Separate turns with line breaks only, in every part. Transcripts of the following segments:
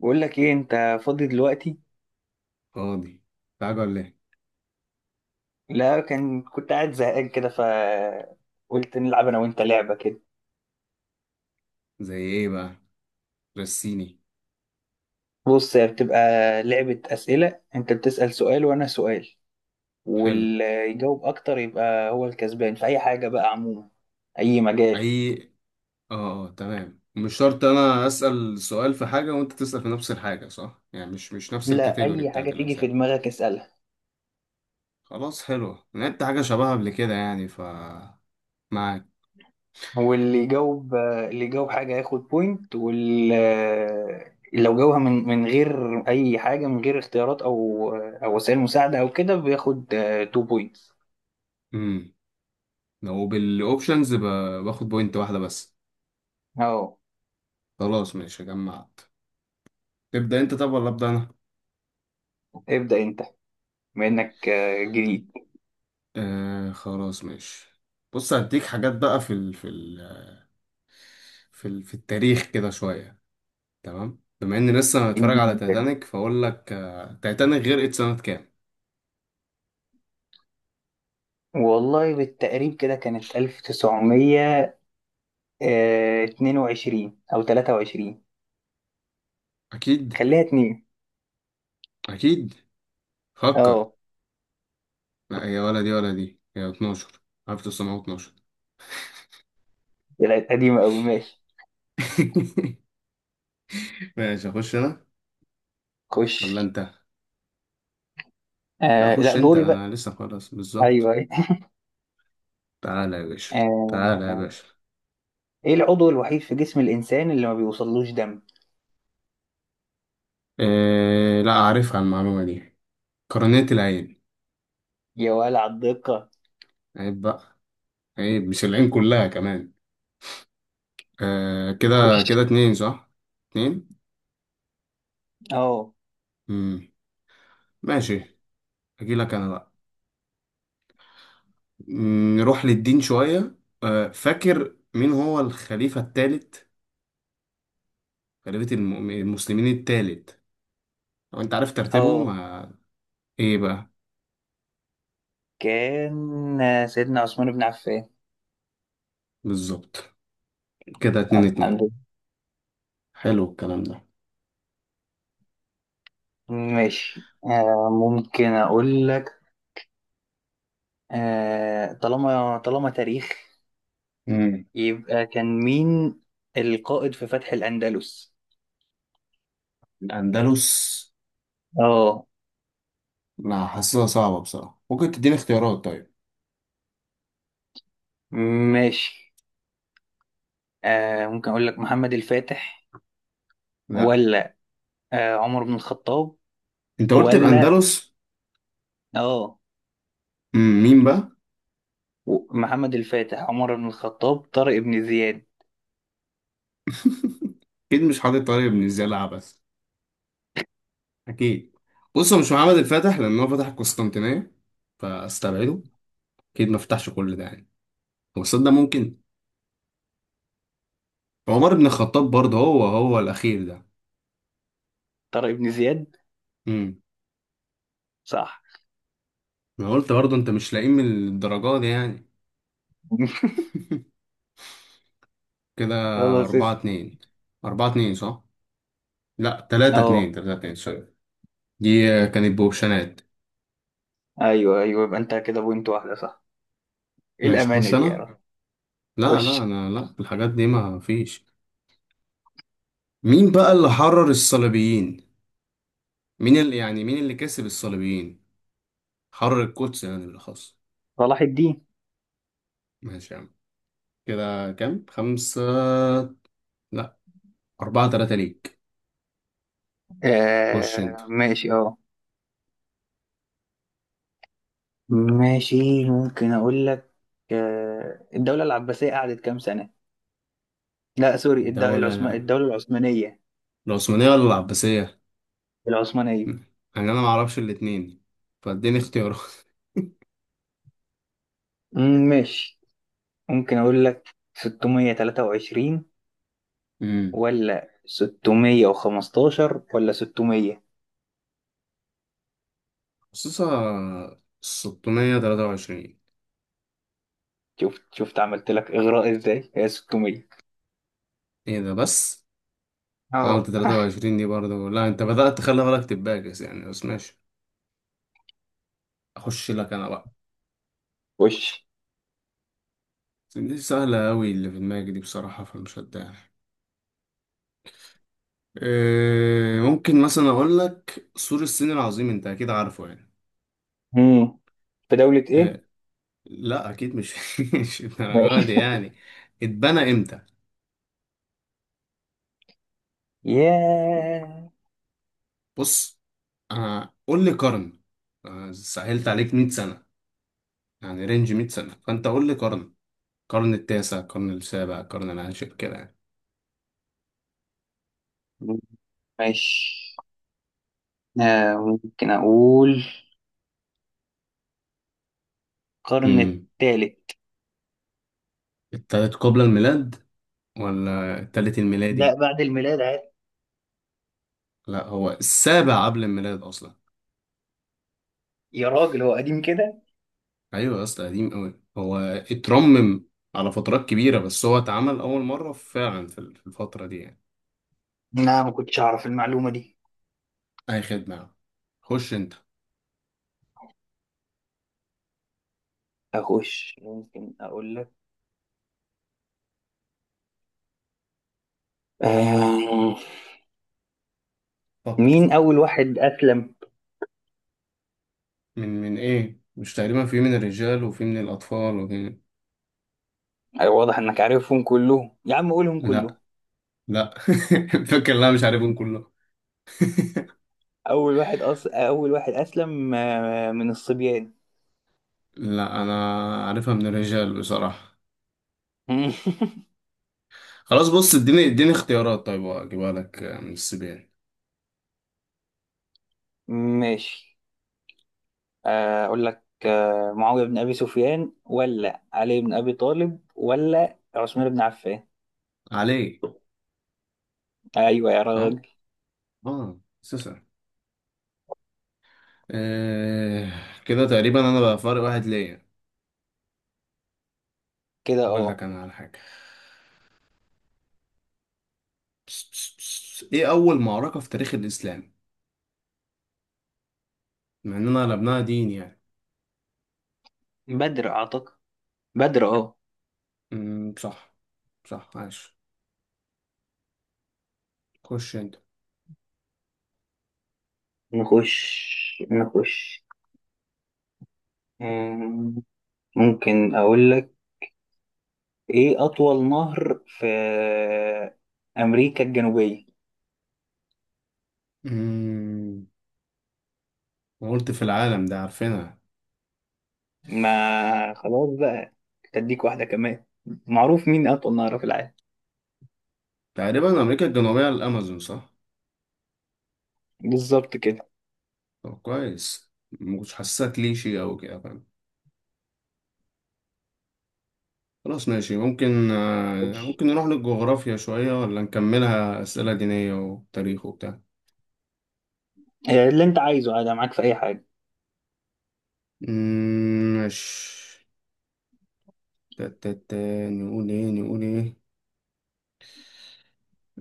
بقول لك ايه؟ انت فاضي دلوقتي؟
فاضي. تعالى ولا ايه؟
لا، كان كنت قاعد زهقان كده، ف قلت نلعب انا وانت لعبه كده.
زي ايه بقى؟ رسيني.
بص، هي بتبقى لعبه اسئله. انت بتسال سؤال وانا سؤال،
حلو.
واللي يجاوب اكتر يبقى هو الكسبان في اي حاجه بقى عموما اي
اي،
مجال
اه، اه، تمام. مش شرط انا اسأل سؤال في حاجة وانت تسأل في نفس الحاجة، صح؟ يعني مش نفس
لا
الكاتيجوري
اي حاجه
بتاعت
تيجي في
الأسئلة.
دماغك اسالها
خلاص، حلو، لعبت حاجة شبهها قبل كده يعني ف معاك.
واللي يجاوب حاجه ياخد بوينت، واللي لو جاوبها من غير اي حاجه، من غير اختيارات او وسائل مساعده او كده بياخد 2 بوينت.
امم لو بالاوبشنز باخد بوينت واحدة بس.
اهو.
خلاص، ماشي، جمعت. تبدأ انت طب ولا ابدأ انا؟
ابدأ انت، بما انك جديد.
آه، خلاص، ماشي. بص هديك حاجات بقى في التاريخ كده شوية. تمام، بما اني لسه متفرج
اديني
على
مثال.
تايتانيك فاقول لك، تايتانيك غرقت سنة كام؟
والله بالتقريب كده كانت 1922 او 23.
اكيد.
خليها اتنين.
اكيد. فكر.
اه.
لا هي ولا دي ولا دي، هي 12، 1912.
طلعت قديمة قوي، ماشي.
ماشي، اخش انا
خش.
ولا انت؟ لا،
لا،
خش انت،
دوري
انا
بقى.
لسه خلاص بالظبط.
ايوه.
تعالى يا باشا، تعالى يا
آه
باشا.
ايه العضو الوحيد في جسم الانسان اللي ما بيوصلوش دم؟
إيه، لا اعرفها المعلومة دي. قرنية العين.
يا ولع الدقة.
عيب بقى. عيب، مش العين كلها كمان. آه، كده.
خش.
كده اتنين، صح؟ اتنين.
اه،
مم. ماشي. اجيلك انا بقى. نروح للدين شوية. فاكر مين هو الخليفة الثالث؟ خليفة المسلمين الثالث. لو انت عارف ترتيبهم.
اه.
ايه بقى؟
كان سيدنا عثمان بن عفان.
بالظبط. كده اتنين
الحمد
اتنين.
لله.
حلو الكلام ده.
ماشي. ممكن اقول لك، طالما تاريخ،
مم.
يبقى كان مين القائد في فتح الأندلس؟
الأندلس.
اه.
لا، حاسسها صعبة بصراحة، ممكن تديني اختيارات طيب؟
ماشي. ممكن أقول لك محمد الفاتح،
لا،
ولا عمر بن الخطاب،
انت قلت
ولا
الأندلس.
اه
مم، مين بقى؟
محمد الفاتح، عمر بن الخطاب، طارق بن زياد.
اكيد مش حاطط طارق بن زياد عبس. اكيد. بص، هو مش محمد الفاتح لأن هو فتح القسطنطينية، فاستبعده. اكيد ما فتحش كل ده يعني. هو صدق، ممكن. عمر بن الخطاب برضه هو الأخير ده.
طارق بن زياد.
امم.
صح.
أنا قلت برضه أنت مش لاقيه من الدرجة دي يعني. كده
خلاص،
أربعة
اسأل.
اتنين، أربعة اتنين، صح؟ لا، تلاتة اتنين،
اه.
تلاتة اتنين، سوري. دي كانت بوبشنات.
ايوه، ايوه، يبقى انت كده بوينت واحدة، صح؟ ايه
ماشي،
الأمانة
أخش
دي يا
أنا؟
رب!
لا، لا،
وش.
أنا لا، الحاجات دي ما فيش. مين بقى اللي حرر الصليبيين؟ مين اللي يعني، مين اللي كسب الصليبيين؟ حرر القدس يعني بالأخص.
صلاح الدين.
ماشي يا عم. كده كام؟ خمسة؟ لا، أربعة تلاتة ليك. خش أنت.
ماشي. اه. ماشي، ممكن أقول لك، الدولة العباسية قعدت كام سنة؟ لا سوري،
الدولة
الدولة العثمانية.
العثمانية ولا العباسية؟
العثمانية.
يعني انا ما اعرفش الاتنين، فاديني اختيارات.
ماشي. ممكن أقول لك 623،
امم
ولا 615، ولا 600.
خصوصا 623.
شفت عملت لك إغراء إزاي؟ هي 600.
ايه ده بس؟ انا
اهو.
قلت 23 دي برضه، لا انت بدأت تخلي بالك تباكس يعني، بس ماشي. اخش لك انا بقى.
وش.
دي سهلة قوي اللي في دماغي دي بصراحة، فمش هتضايق. إيه، ممكن مثلا اقول لك سور الصين العظيم، انت اكيد عارفه يعني.
مم. في دولة إيه؟
إيه، لا اكيد مش. مش الدرجة دي
ماشي.
يعني. اتبنى امتى؟
ياه.
بص، قول لي قرن. سهلت عليك 100 سنة، يعني رينج 100 سنة، فأنت قول لي قرن. قرن التاسع، قرن السابع، قرن العاشر كده يعني.
ماشي، آه، ممكن أقول القرن
امم
الثالث.
التالت قبل الميلاد ولا التالت
لا،
الميلادي؟
بعد الميلاد عادي.
لا، هو السابع قبل الميلاد أصلا.
يا راجل، هو قديم كده.
أيوة يا اسطى، قديم أوي هو. اترمم على فترات كبيرة، بس هو اتعمل أول مرة فعلا في الفترة دي يعني.
لا، ما كنتش اعرف المعلومة دي.
أي خدمة يا عم. خش أنت.
اخش. ممكن اقول لك آه...
فكر،
مين
فكر.
اول واحد اسلم؟
من إيه، مش تقريبا في من الرجال وفي من الأطفال وفي...
أيوة، واضح انك عارفهم كلهم، يا عم قولهم كلهم.
لا، لا. فاكر، لا مش عارفهم كله.
اول واحد اسلم من الصبيان.
لا، انا عارفها من الرجال بصراحة. خلاص، بص، اديني اختيارات طيب، اجيبها لك من السبيان.
ماشي، اقول لك معاوية بن ابي سفيان، ولا علي بن ابي طالب، ولا عثمان بن عفان.
علي.
ايوه يا
صح.
راجل.
اه، سوسة. آه كده تقريبا انا بقى فارق واحد ليا.
كده،
هقول
اه.
لك انا على حاجة. بس، بس، بس. ايه اول معركة في تاريخ الاسلام؟ مع اننا قلبناها دين يعني.
بدر اعتقد. بدر، اه.
صح، صح، عاش. خش انت.
نخش نخش. آم، ممكن أقول لك، إيه أطول نهر في أمريكا الجنوبية؟
امم قلت في العالم ده عارفينها.
ما خلاص بقى، أديك واحدة كمان. معروف مين أطول نهر في العالم.
تقريبا امريكا الجنوبيه على الامازون، صح؟
بالظبط كده.
طب كويس، ما كنتش حاسسها كليشي او كده، فاهم. خلاص ماشي،
خش.
ممكن نروح للجغرافيا شويه ولا نكملها اسئله دينيه وتاريخ وبتاع.
اللي أنت عايزه عادي، أنا معاك في أي حاجة.
أمم، ماشي. تا- تا- تا، نقول ايه، نقول ايه؟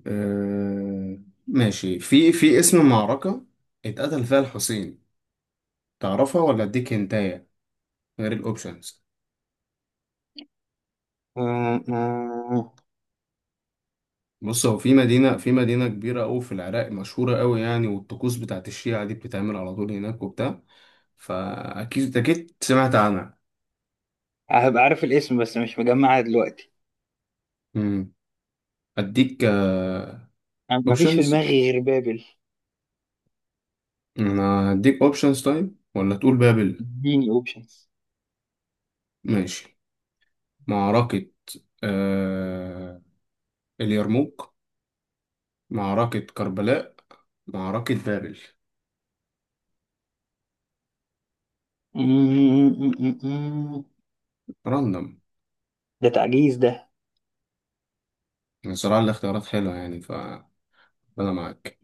آه، ماشي، في اسم معركه اتقتل فيها الحسين، تعرفها ولا اديك هنتايه غير الاوبشنز؟
آم، آم،
بص، هو في مدينة كبيرة أوي في العراق، مشهورة أوي يعني، والطقوس بتاعت الشيعة دي بتتعمل على طول هناك وبتاع. فأكيد، أكيد سمعت عنها.
هبقى عارف الاسم بس مش مجمعها دلوقتي.
مم. أديك
مفيش في
أوبشنز
دماغي غير بابل.
أنا أديك أوبشنز طيب، ولا تقول بابل؟
اديني أوبشنز.
ماشي. معركة آه... اليرموك، معركة كربلاء، معركة بابل، راندوم.
ده تعجيز ده.
صراحة الاختيارات حلوة يعني، فأنا معاك.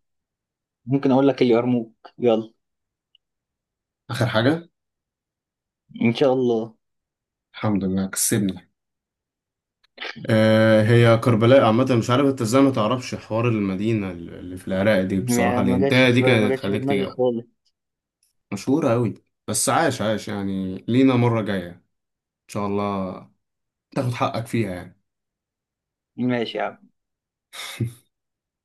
ممكن أقول لك اليرموك، يلا.
آخر حاجة.
ان شاء الله.
الحمد لله، كسبني. هي كربلاء عامة، مش عارف انت ازاي ما تعرفش، حوار المدينة اللي في العراق دي بصراحة،
ما جاتش
الانتهاء دي
في ما
كانت
جاتش في
هتخليك
دماغي
تجاوب.
خالص.
مشهورة أوي. بس عاش، عاش يعني، لينا مرة جاية إن شاء الله تاخد حقك فيها يعني.
ماشي يا عم.